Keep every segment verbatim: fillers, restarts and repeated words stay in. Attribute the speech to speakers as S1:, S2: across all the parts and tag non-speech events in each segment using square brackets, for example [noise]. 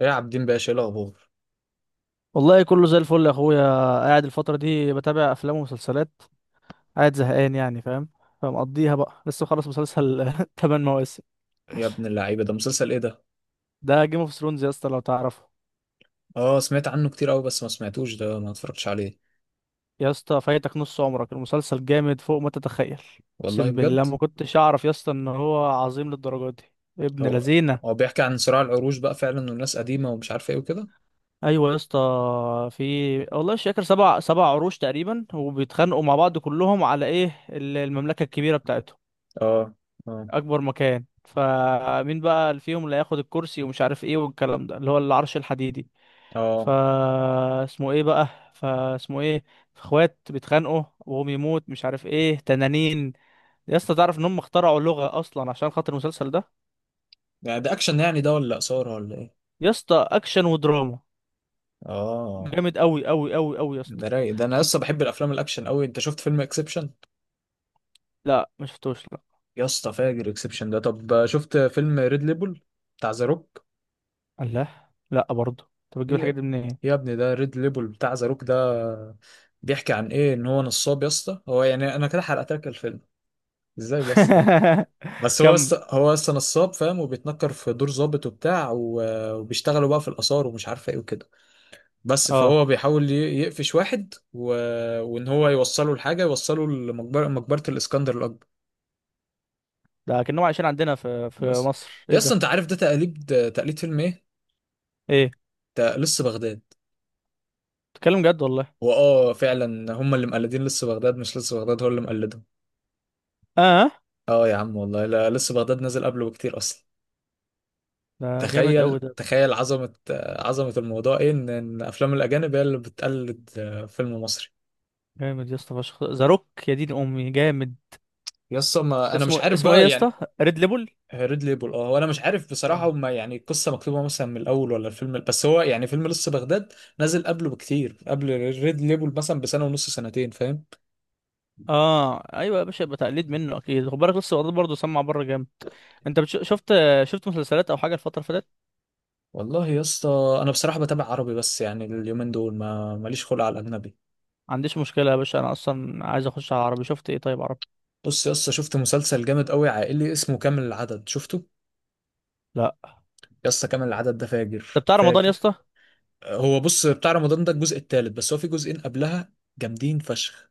S1: ايه يا عابدين باشا، ايه الاخبار؟
S2: والله كله زي الفل يا اخويا. قاعد الفترة دي بتابع افلام ومسلسلات. قاعد زهقان يعني فاهم. فمقضيها بقى، لسه خلص مسلسل [laughs] تمن مواسم.
S1: يا ابن اللعيبه، ده مسلسل ايه ده؟
S2: ده جيم اوف ثرونز يا اسطى، لو تعرفه.
S1: اه، سمعت عنه كتير قوي بس ما سمعتوش، ده ما اتفرجتش عليه.
S2: يا اسطى فايتك نص عمرك، المسلسل جامد فوق ما تتخيل.
S1: والله
S2: اقسم بالله
S1: بجد.
S2: ما كنتش اعرف يا اسطى ان هو عظيم للدرجة دي، ابن
S1: هو
S2: لذينه.
S1: هو بيحكي عن صراع العروش بقى فعلا، والناس قديمه ومش عارفه ايه وكده.
S2: ايوه يا اسطى. في والله مش فاكر، سبع سبع عروش تقريبا، وبيتخانقوا مع بعض كلهم على ايه ال- المملكة الكبيرة بتاعتهم.
S1: اه، اه،
S2: اكبر مكان، فمين بقى اللي فيهم اللي هياخد الكرسي ومش عارف ايه والكلام ده اللي هو العرش الحديدي.
S1: اه.
S2: فا اسمه ايه بقى فاسمه ايه اخوات بيتخانقوا وهم يموت مش عارف ايه تنانين. يا اسطى تعرف ان هم اخترعوا لغة اصلا عشان خاطر المسلسل ده.
S1: يعني ده اكشن يعني ده ولا اثاره ولا ايه؟
S2: يا اسطى اكشن ودراما.
S1: اه.
S2: جامد قوي قوي قوي قوي يا اسطى.
S1: ده رايق ده، انا لسه بحب الافلام الاكشن قوي. انت شفت فيلم اكسبشن؟
S2: لا ما شفتوش لا.
S1: يا اسطى فاجر اكسبشن ده. طب شفت فيلم ريد ليبل بتاع ذا روك؟
S2: الله، لا برضه انت بتجيب
S1: إيه
S2: الحاجات
S1: يا
S2: دي منين؟
S1: يا ابني ده ريد ليبل بتاع زاروك ده، بيحكي عن ايه؟ ان هو نصاب يا اسطى. هو يعني انا كده حرقت لك الفيلم، ازاي بس كده.
S2: [laughs]
S1: بس هو
S2: كمل.
S1: يسطى، هو يسطى نصاب فاهم، وبيتنكر في دور ظابط وبتاع و- وبيشتغلوا بقى في الاثار ومش عارفه ايه وكده. بس
S2: اه،
S1: فهو بيحاول ي- يقفش واحد و... وان هو يوصله لحاجه، يوصله لمقبره، مقبره الاسكندر الاكبر.
S2: ده كأنهم عايشين عندنا في في
S1: بس
S2: مصر، ايه
S1: يا اسطى
S2: ده؟
S1: انت عارف ده تقليد تقليد فيلم ايه؟
S2: ايه،
S1: ده لص بغداد.
S2: بتتكلم جد والله؟
S1: واه فعلا، هم اللي مقلدين لص بغداد، مش لص بغداد هو اللي مقلده.
S2: اه،
S1: اه يا عم، والله لا، لسه بغداد نازل قبله بكتير اصلا.
S2: ده جامد قوي
S1: تخيل
S2: ده يا اسطى.
S1: تخيل عظمة، آه، عظمة الموضوع ايه، ان إن افلام الاجانب هي اللي بتقلد، آه، فيلم مصري.
S2: جامد يا اسطى فشخ، ذا روك يا دين امي جامد.
S1: يس ما انا مش
S2: اسمه
S1: عارف
S2: اسمه ايه يا
S1: بقى
S2: اسطى؟
S1: يعني.
S2: ريد ليبل.
S1: ريد ليبل اه، وانا مش عارف بصراحة،
S2: جامد.
S1: هما يعني القصة مكتوبة مثلا من الاول ولا الفيلم، بس هو يعني فيلم لسه بغداد نازل قبله بكتير، قبل ريد ليبل مثلا بسنة ونص، سنتين فاهم.
S2: اه ايوه يا باشا، يبقى تقليد منه اكيد. خد بالك لسه الواد برضه سمع بره جامد. انت بتش... شفت شفت مسلسلات او حاجه الفتره اللي فاتت؟
S1: والله يا اسطى، انا بصراحة بتابع عربي بس، يعني اليومين دول ما ماليش خلق على الاجنبي.
S2: ما عنديش مشكله يا باشا، انا اصلا عايز اخش على عربي. شفت ايه طيب عربي؟
S1: بص يا اسطى، شفت مسلسل جامد قوي عائلي اسمه كامل العدد، شفته؟
S2: لا.
S1: يسطا كامل العدد ده
S2: طب
S1: فاجر
S2: بتاع رمضان يا
S1: فاجر.
S2: اسطى؟
S1: هو بص، بتاع رمضان ده الجزء الثالث، بس هو في جزئين قبلها جامدين فشخ.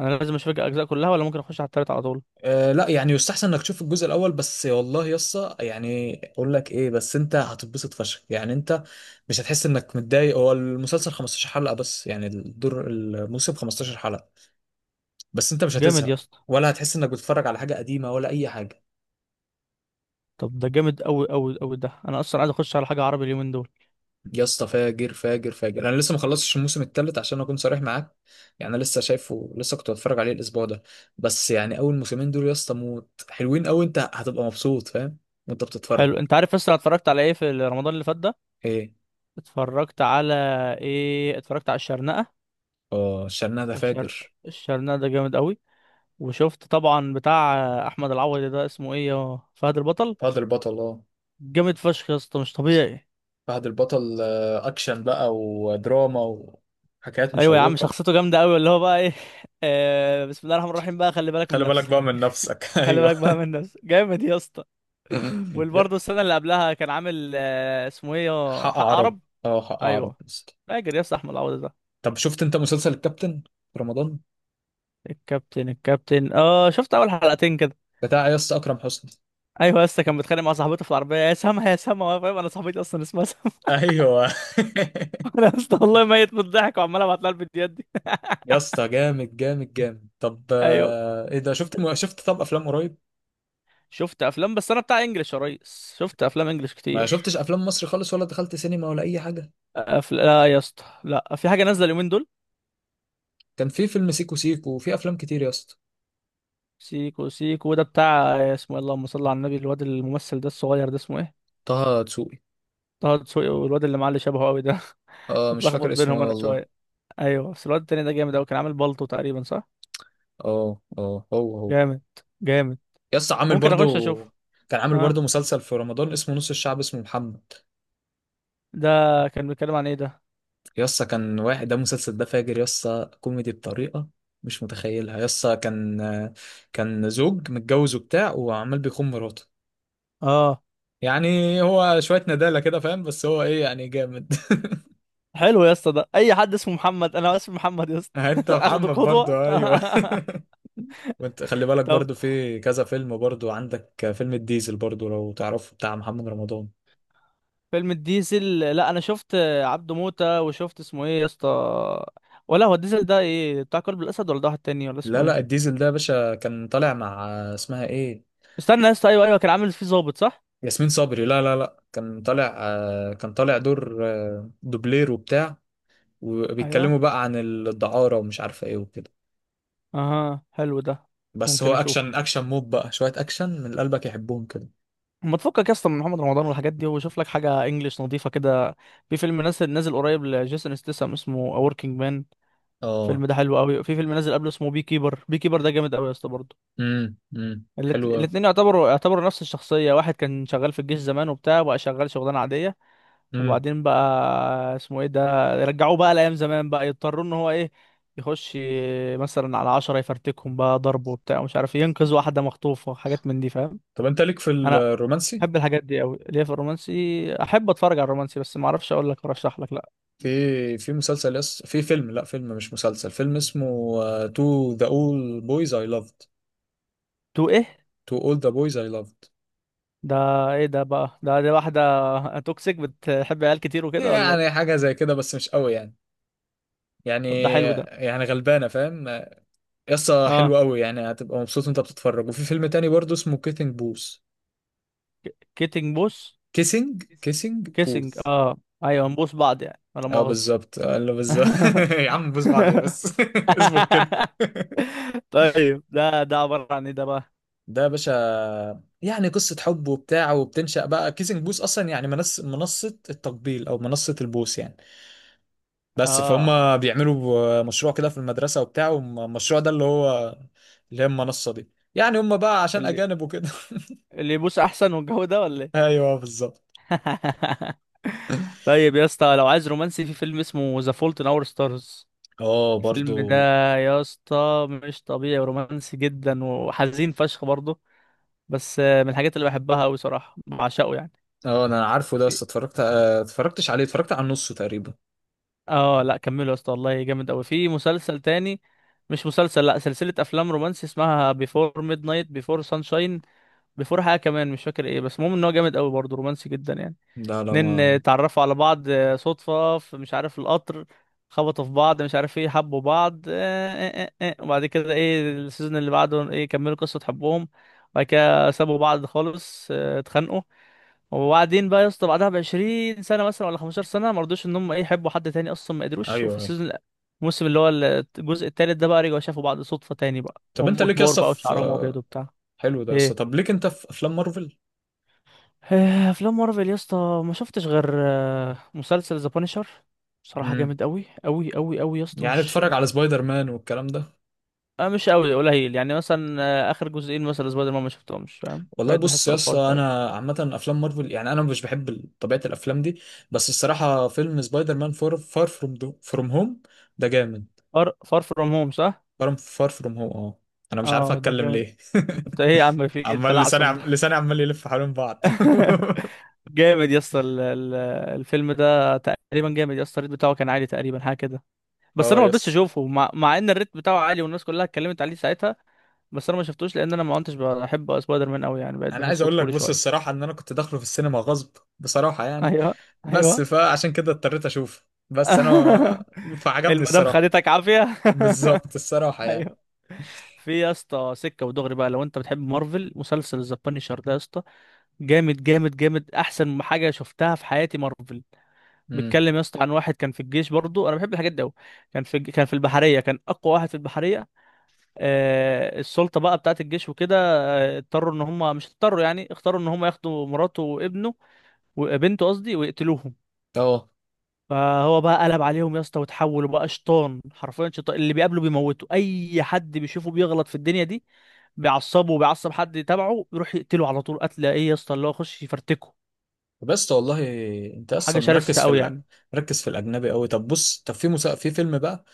S2: انا لازم اشوف الاجزاء كلها ولا ممكن اخش على التالت على طول؟
S1: أه لا، يعني يستحسن انك تشوف الجزء الاول بس. والله يسطا يعني اقول لك ايه، بس انت هتتبسط فشخ يعني، انت مش هتحس انك متضايق. هو المسلسل 15 حلقة بس، يعني الدور، الموسم 15 حلقة، بس انت مش
S2: جامد يا
S1: هتزهق،
S2: اسطى.
S1: ولا هتحس انك بتتفرج على حاجة قديمة ولا اي حاجة.
S2: طب ده جامد قوي قوي قوي ده، انا اصلا عايز اخش على حاجه عربي اليومين دول.
S1: يا اسطى فاجر فاجر فاجر، انا لسه ما خلصتش الموسم الثالث عشان اكون صريح معاك. يعني انا لسه شايفه، لسه كنت بتفرج عليه الاسبوع ده. بس يعني اول موسمين دول يا اسطى موت، حلوين قوي، انت هتبقى مبسوط فاهم وانت بتتفرج.
S2: حلو. انت عارف اصلا اتفرجت على ايه في رمضان اللي فات ده؟
S1: ايه.
S2: اتفرجت على ايه اتفرجت على الشرنقة.
S1: اه، شرنا ده
S2: الشر...
S1: فاجر.
S2: الشرنقة ده جامد قوي. وشفت طبعا بتاع احمد العوضي ده، اسمه ايه، يا فهد البطل.
S1: فهد البطل اه.
S2: جامد فشخ يا اسطى، مش طبيعي.
S1: فهد البطل، آه، اكشن بقى ودراما وحكايات
S2: ايوه يا عم،
S1: مشوقة.
S2: شخصيته جامده قوي، اللي هو بقى ايه [laughs] آه بسم الله الرحمن الرحيم، بقى خلي بالك من
S1: خلي بالك
S2: نفسك.
S1: بقى من نفسك. [laughs]
S2: خلي
S1: ايوه.
S2: بالك بقى من نفسك، جامد يا اسطى.
S1: [laughs] يا-
S2: وبرضه السنه اللي قبلها كان عامل، آه اسمه ايه، يا
S1: حق
S2: حق
S1: عرب.
S2: عرب.
S1: اه، حق عرب
S2: ايوه.
S1: يا اسطى.
S2: فاكر يا اسطى احمد العوضي ده؟
S1: طب شفت انت مسلسل الكابتن في رمضان؟
S2: الكابتن. الكابتن اه شفت اول حلقتين كده.
S1: بتاع يا اسطى اكرم حسني.
S2: ايوه يا اسطى، كان بيتخانق مع صاحبته في العربيه، يا سما يا سما، وانا فاهم، انا صاحبتي اصلا اسمها سما.
S1: ايوه.
S2: [laughs] انا يا اسطى والله ميت من الضحك، وعمال ابعت لها الفيديوهات دي.
S1: [laughs] يا اسطى جامد جامد جامد. طب
S2: ايوه.
S1: آه، ايه ده، شفت م... شفت طب افلام قريب؟
S2: شفت افلام، بس انا بتاع انجلش يا ريس، شفت افلام انجلش
S1: ما
S2: كتير.
S1: شفتش افلام مصري خالص، ولا دخلت سينما ولا اي حاجه.
S2: أفل... لا يا اسطى، لا، في حاجه نازله اليومين دول.
S1: كان في فيلم سيكو سيكو وفي افلام كتير يا اسطى.
S2: سيكو سيكو ده، بتاع اسمه إيه؟ اللهم صل على النبي، الواد الممثل ده الصغير ده اسمه ايه؟
S1: طه دسوقي.
S2: طه دسوقي، والواد اللي معاه اللي شبهه قوي ده. [laughs]
S1: اه، مش
S2: بتلخبط
S1: فاكر اسمه
S2: بينهم
S1: ايه
S2: انا
S1: والله.
S2: شويه. ايوه، بس الواد التاني ده جامد قوي، كان عامل بالطو تقريبا صح؟
S1: اه، اه، هو هو.
S2: جامد. جامد.
S1: يا اسطى عامل
S2: ممكن اخش
S1: برضو،
S2: اشوف.
S1: كان عامل
S2: اه
S1: برضو مسلسل في رمضان اسمه نص الشعب اسمه محمد.
S2: ده، كان بيتكلم عن ايه ده؟
S1: يا اسطى كان واحد، ده المسلسل ده فاجر يا اسطى، كوميدي بطريقه مش متخيلها يا اسطى. كان كان زوج متجوز وبتاع وعمال بيخون مراته.
S2: اه،
S1: يعني هو شوية ندالة كده فاهم، بس هو ايه يعني جامد.
S2: حلو يا اسطى، ده اي حد اسمه محمد، انا اسمي محمد يا اسطى
S1: [laughs] انت
S2: [laughs] اخده
S1: محمد برضو
S2: قدوه [laughs]
S1: ايوه. وانت خلي بالك
S2: طب
S1: برضو في كذا فيلم برضو، عندك فيلم الديزل برضو لو تعرفه، بتاع محمد رمضان.
S2: فيلم الديزل، لا انا شفت عبده موتة، وشفت اسمه ايه يا اسطى، ولا هو الديزل ده ايه، بتاع قلب الاسد ولا ده واحد تاني ولا
S1: لا
S2: اسمه
S1: لا،
S2: ايه؟
S1: الديزل ده يا باشا كان طالع مع، اسمها ايه،
S2: استنى يا اسطى، ايوه ايوه، كان عامل فيه ظابط صح؟
S1: ياسمين صبري. لا لا لا، كان طالع، آه، كان طالع دور، آه، دوبلير وبتاع، وبيتكلموا
S2: ايوه.
S1: بقى عن الدعارة ومش عارفة ايه وكده.
S2: اها، حلو ده.
S1: بس
S2: ممكن
S1: هو
S2: اشوف.
S1: اكشن اكشن موب بقى، شوية اكشن من اللي قلبك يحبهم كده.
S2: ما تفكك يا اسطى من محمد رمضان والحاجات دي، وشوف لك حاجه انجليش نظيفه كده. في فيلم نازل نازل قريب لجيسون ستاثام اسمه A Working Man.
S1: اه.
S2: الفيلم ده حلو قوي. في فيلم نازل قبله اسمه بي كيبر، بي كيبر ده جامد قوي يا اسطى برضه.
S1: امم امم
S2: الات-
S1: حلوة.
S2: الاتنين يعتبروا يعتبروا نفس الشخصية، واحد كان شغال في الجيش زمان وبتاع، وبقى شغال شغلانة عادية. وبعدين بقى، اسمه ايه ده، رجعوه بقى لأيام زمان، بقى يضطروا ان هو ايه، يخش مثلا على عشرة يفرتكهم بقى ضرب وبتاع ومش عارف إيه، ينقذ واحدة مخطوفة، حاجات من دي فاهم.
S1: طب انت ليك في
S2: انا
S1: الرومانسي؟
S2: احب الحاجات دي قوي. ليه؟ في الرومانسي، احب اتفرج على الرومانسي، بس ما اعرفش اقول لك، ارشح لك لا.
S1: في في مسلسل، يس في فيلم، لا فيلم مش مسلسل، فيلم اسمه تو ذا اول بويز اي لافد.
S2: تو ايه؟
S1: تو اول ذا بويز اي لافد.
S2: ده ايه ده بقى ده؟ دي واحدة [laughs] توكسيك بتحب عيال كتير وكده ولا
S1: يعني
S2: ايه؟
S1: حاجه زي كده بس مش قوي يعني،
S2: طب ده
S1: يعني
S2: حلو ده.
S1: يعني غلبانه فاهم. يسطا
S2: اه،
S1: حلو قوي يعني، هتبقى مبسوط وانت بتتفرج. وفي فيلم تاني برضه اسمه كيسنج بوث.
S2: كيتنج بوس؟
S1: كيسنج كيسنج
S2: كيسنج
S1: بوث.
S2: اه. ايوه، نبوس بعض يعني، ولا
S1: اه
S2: مؤاخذة
S1: بالظبط، آه، اللي بالظبط.
S2: [laughs]
S1: [laughs] يا عم بوس بعد ايه بس. [laughs] اظبط كده.
S2: طيب، ده ده عبارة عن ايه ده بقى؟
S1: ده يا باشا، يعني قصة حب وبتاع، وبتنشأ بقى كيسنج بوث، أصلا يعني منص منصة التقبيل أو منصة البوث يعني. بس
S2: اه،
S1: فهم. بيعملوا مشروع كده في المدرسة وبتاع، والمشروع ده اللي هو، اللي هي المنصة دي، يعني هم بقى عشان
S2: اللي
S1: أجانب وكده.
S2: اللي يبوس احسن والجو ده ولا ايه؟
S1: [laughs] أيوه بالظبط.
S2: [laughs] طيب يا اسطى، لو عايز رومانسي، في فيلم اسمه ذا فولت ان اور ستارز.
S1: اه برضو.
S2: الفيلم ده يا اسطى مش طبيعي، رومانسي جدا وحزين فشخ برضه. بس آه، من الحاجات اللي بحبها قوي صراحة، بعشقه يعني.
S1: اه انا عارفه ده، بس اتفرجت، آه، اتفرجتش عليه، اتفرجت على نصه تقريبا.
S2: اه لا، كملوا يا اسطى والله جامد قوي. في مسلسل تاني، مش مسلسل، لا، سلسلة افلام رومانسي اسمها بيفور ميد نايت، بيفور سانشاين، بيفور حاجة كمان مش فاكر ايه، بس المهم ان هو جامد قوي برضه، رومانسي جدا يعني.
S1: لا لا
S2: اتنين
S1: ما.
S2: اتعرفوا على بعض آه، صدفة، في مش عارف القطر، خبطوا في بعض، مش عارف ايه، حبوا بعض اه اه اه اه. وبعد كده ايه، السيزون اللي بعده ايه، كملوا قصة حبهم. وبعد كده سابوا بعض خالص، اه، اتخانقوا. وبعدين بقى يا اسطى، بعدها ب 20 سنة مثلا ولا 15 سنة، ما رضوش ان هم ايه، يحبوا حد تاني اصلا ما قدروش.
S1: ايوه
S2: وفي
S1: ايوه.
S2: السيزون، الموسم اللي هو الجزء التالت ده بقى، رجعوا شافوا بعض صدفة تاني بقى،
S1: طب انت
S2: وهم
S1: ليك يا
S2: كبار
S1: اسطى
S2: بقى
S1: في،
S2: وشعرهم ابيض
S1: آه،
S2: وبتاع.
S1: حلو ده يا اسطى،
S2: ايه؟
S1: طب ليك انت في افلام مارفل؟
S2: آه، افلام مارفل يا اسطى، ما شفتش غير آه، مسلسل ذا بانشر. صراحه
S1: مم.
S2: جامد قوي قوي قوي قوي يا اسطى،
S1: يعني
S2: مش
S1: بتفرج على سبايدر مان والكلام ده؟
S2: آه، مش قوي قليل يعني مثلا. آه، اخر جزئين مثلا سبايدر مان ما شفتهمش فاهم،
S1: والله
S2: بقيت
S1: بص
S2: بحسه
S1: يا اسطى،
S2: اطفال شويه.
S1: انا عامه افلام مارفل، يعني انا مش بحب ال- طبيعه الافلام دي. بس الصراحه فيلم سبايدر مان فور، فار فروم فروم هوم، ده جامد.
S2: فار فار فروم هوم صح؟
S1: فار فار فروم هوم اه. انا مش عارف
S2: اه ده
S1: اتكلم
S2: جامد.
S1: ليه.
S2: [laughs] انت ايه يا
S1: [laughs]
S2: عم، في إيه
S1: عمال لساني
S2: التلعثم
S1: عم...
S2: ده؟
S1: لساني عمال يلف حوالين بعض.
S2: [laughs] جامد يا اسطى، ال- ال- الفيلم ده تقريبا جامد يا اسطى، الريت بتاعه كان عالي تقريبا حاجه كده.
S1: [laughs]
S2: بس
S1: اه
S2: انا ما رضيتش
S1: يس.
S2: اشوفه، مع, مع ان الريت بتاعه عالي والناس كلها اتكلمت عليه ساعتها. بس انا ما شفتوش، لان انا ما كنتش بحب سبايدر مان قوي يعني، بقيت
S1: انا عايز
S2: بحسه
S1: اقول لك
S2: طفولي
S1: بص
S2: شويه.
S1: الصراحه، ان انا كنت داخله في السينما غصب بصراحه يعني،
S2: ايوه.
S1: بس
S2: ايوه.
S1: فعشان كده اضطريت اشوفه. بس
S2: [laughs]
S1: انا فعجبني
S2: المدام
S1: الصراحه.
S2: خدتك عافيه.
S1: بالظبط الصراحه
S2: [laughs]
S1: يعني.
S2: ايوه. في يا اسطى سكه ودغري بقى، لو انت بتحب مارفل، مسلسل ذا بانيشر ده يا اسطى، جامد جامد جامد، احسن حاجه شفتها في حياتي مارفل.
S1: مم.
S2: بيتكلم يا اسطى عن واحد كان في الجيش برضو، انا بحب الحاجات دي قوي. كان في كان في البحريه، كان اقوى واحد في البحريه. آه السلطه بقى بتاعت الجيش وكده، آه، اضطروا ان هم، مش اضطروا يعني، اختاروا ان هم ياخدوا مراته وابنه وبنته قصدي ويقتلوهم.
S1: اه.
S2: فهو بقى قلب عليهم يا اسطى، وتحولوا بقى شيطان، حرفيا شيطان، اللي بيقابله بيموته، اي حد بيشوفه بيغلط في الدنيا دي بيعصبه وبيعصب حد تبعه، يروح يقتله على طول، قتله ايه يا اسطى، اللي هو يخش يفرتكه.
S1: بس والله انت
S2: حاجه
S1: اصلا
S2: شرسه
S1: مركز في
S2: قوي
S1: الأ...
S2: يعني.
S1: مركز في الاجنبي قوي. طب بص، طب في مسا... في فيلم بقى،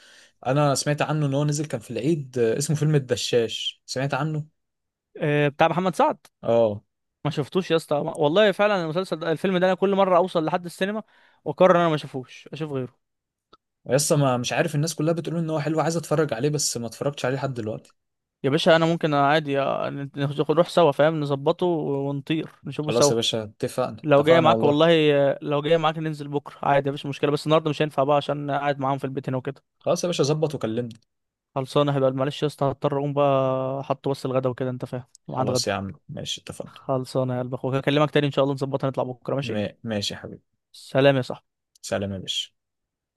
S1: انا سمعت عنه ان هو نزل، كان في العيد، آه، اسمه فيلم الدشاش، سمعت عنه؟
S2: آه، بتاع محمد سعد،
S1: اه
S2: ما شفتوش يا اسطى والله. فعلا المسلسل ده الفيلم ده انا كل مره اوصل لحد السينما واقرر ان انا ما اشوفوش، اشوف غيره.
S1: لسه، ما مش عارف، الناس كلها بتقول ان هو حلو، عايز اتفرج عليه بس ما اتفرجتش عليه لحد دلوقتي.
S2: يا باشا انا ممكن عادي، آه، ناخد- نروح سوا فاهم، نظبطه ونطير نشوفه
S1: خلاص
S2: سوا.
S1: يا باشا اتفقنا،
S2: لو جاي
S1: اتفقنا
S2: معاك
S1: والله.
S2: والله، آه، لو جاي معاك ننزل بكره عادي مفيش مشكله، بس النهارده مش هينفع بقى عشان قاعد معاهم في البيت هنا وكده.
S1: خلاص يا باشا، ظبط وكلمني.
S2: خلصانه. هبقى معلش يا اسطى، هضطر اقوم بقى، احط بس الغدا وكده انت فاهم، ميعاد
S1: خلاص يا
S2: غدا.
S1: عم ماشي، اتفقنا.
S2: خلصانه يا قلب اخوك، هكلمك تاني ان شاء الله، نظبطها نطلع بكره ماشي.
S1: ما- ماشي يا حبيبي.
S2: سلام يا صاحبي.
S1: سلام يا باشا.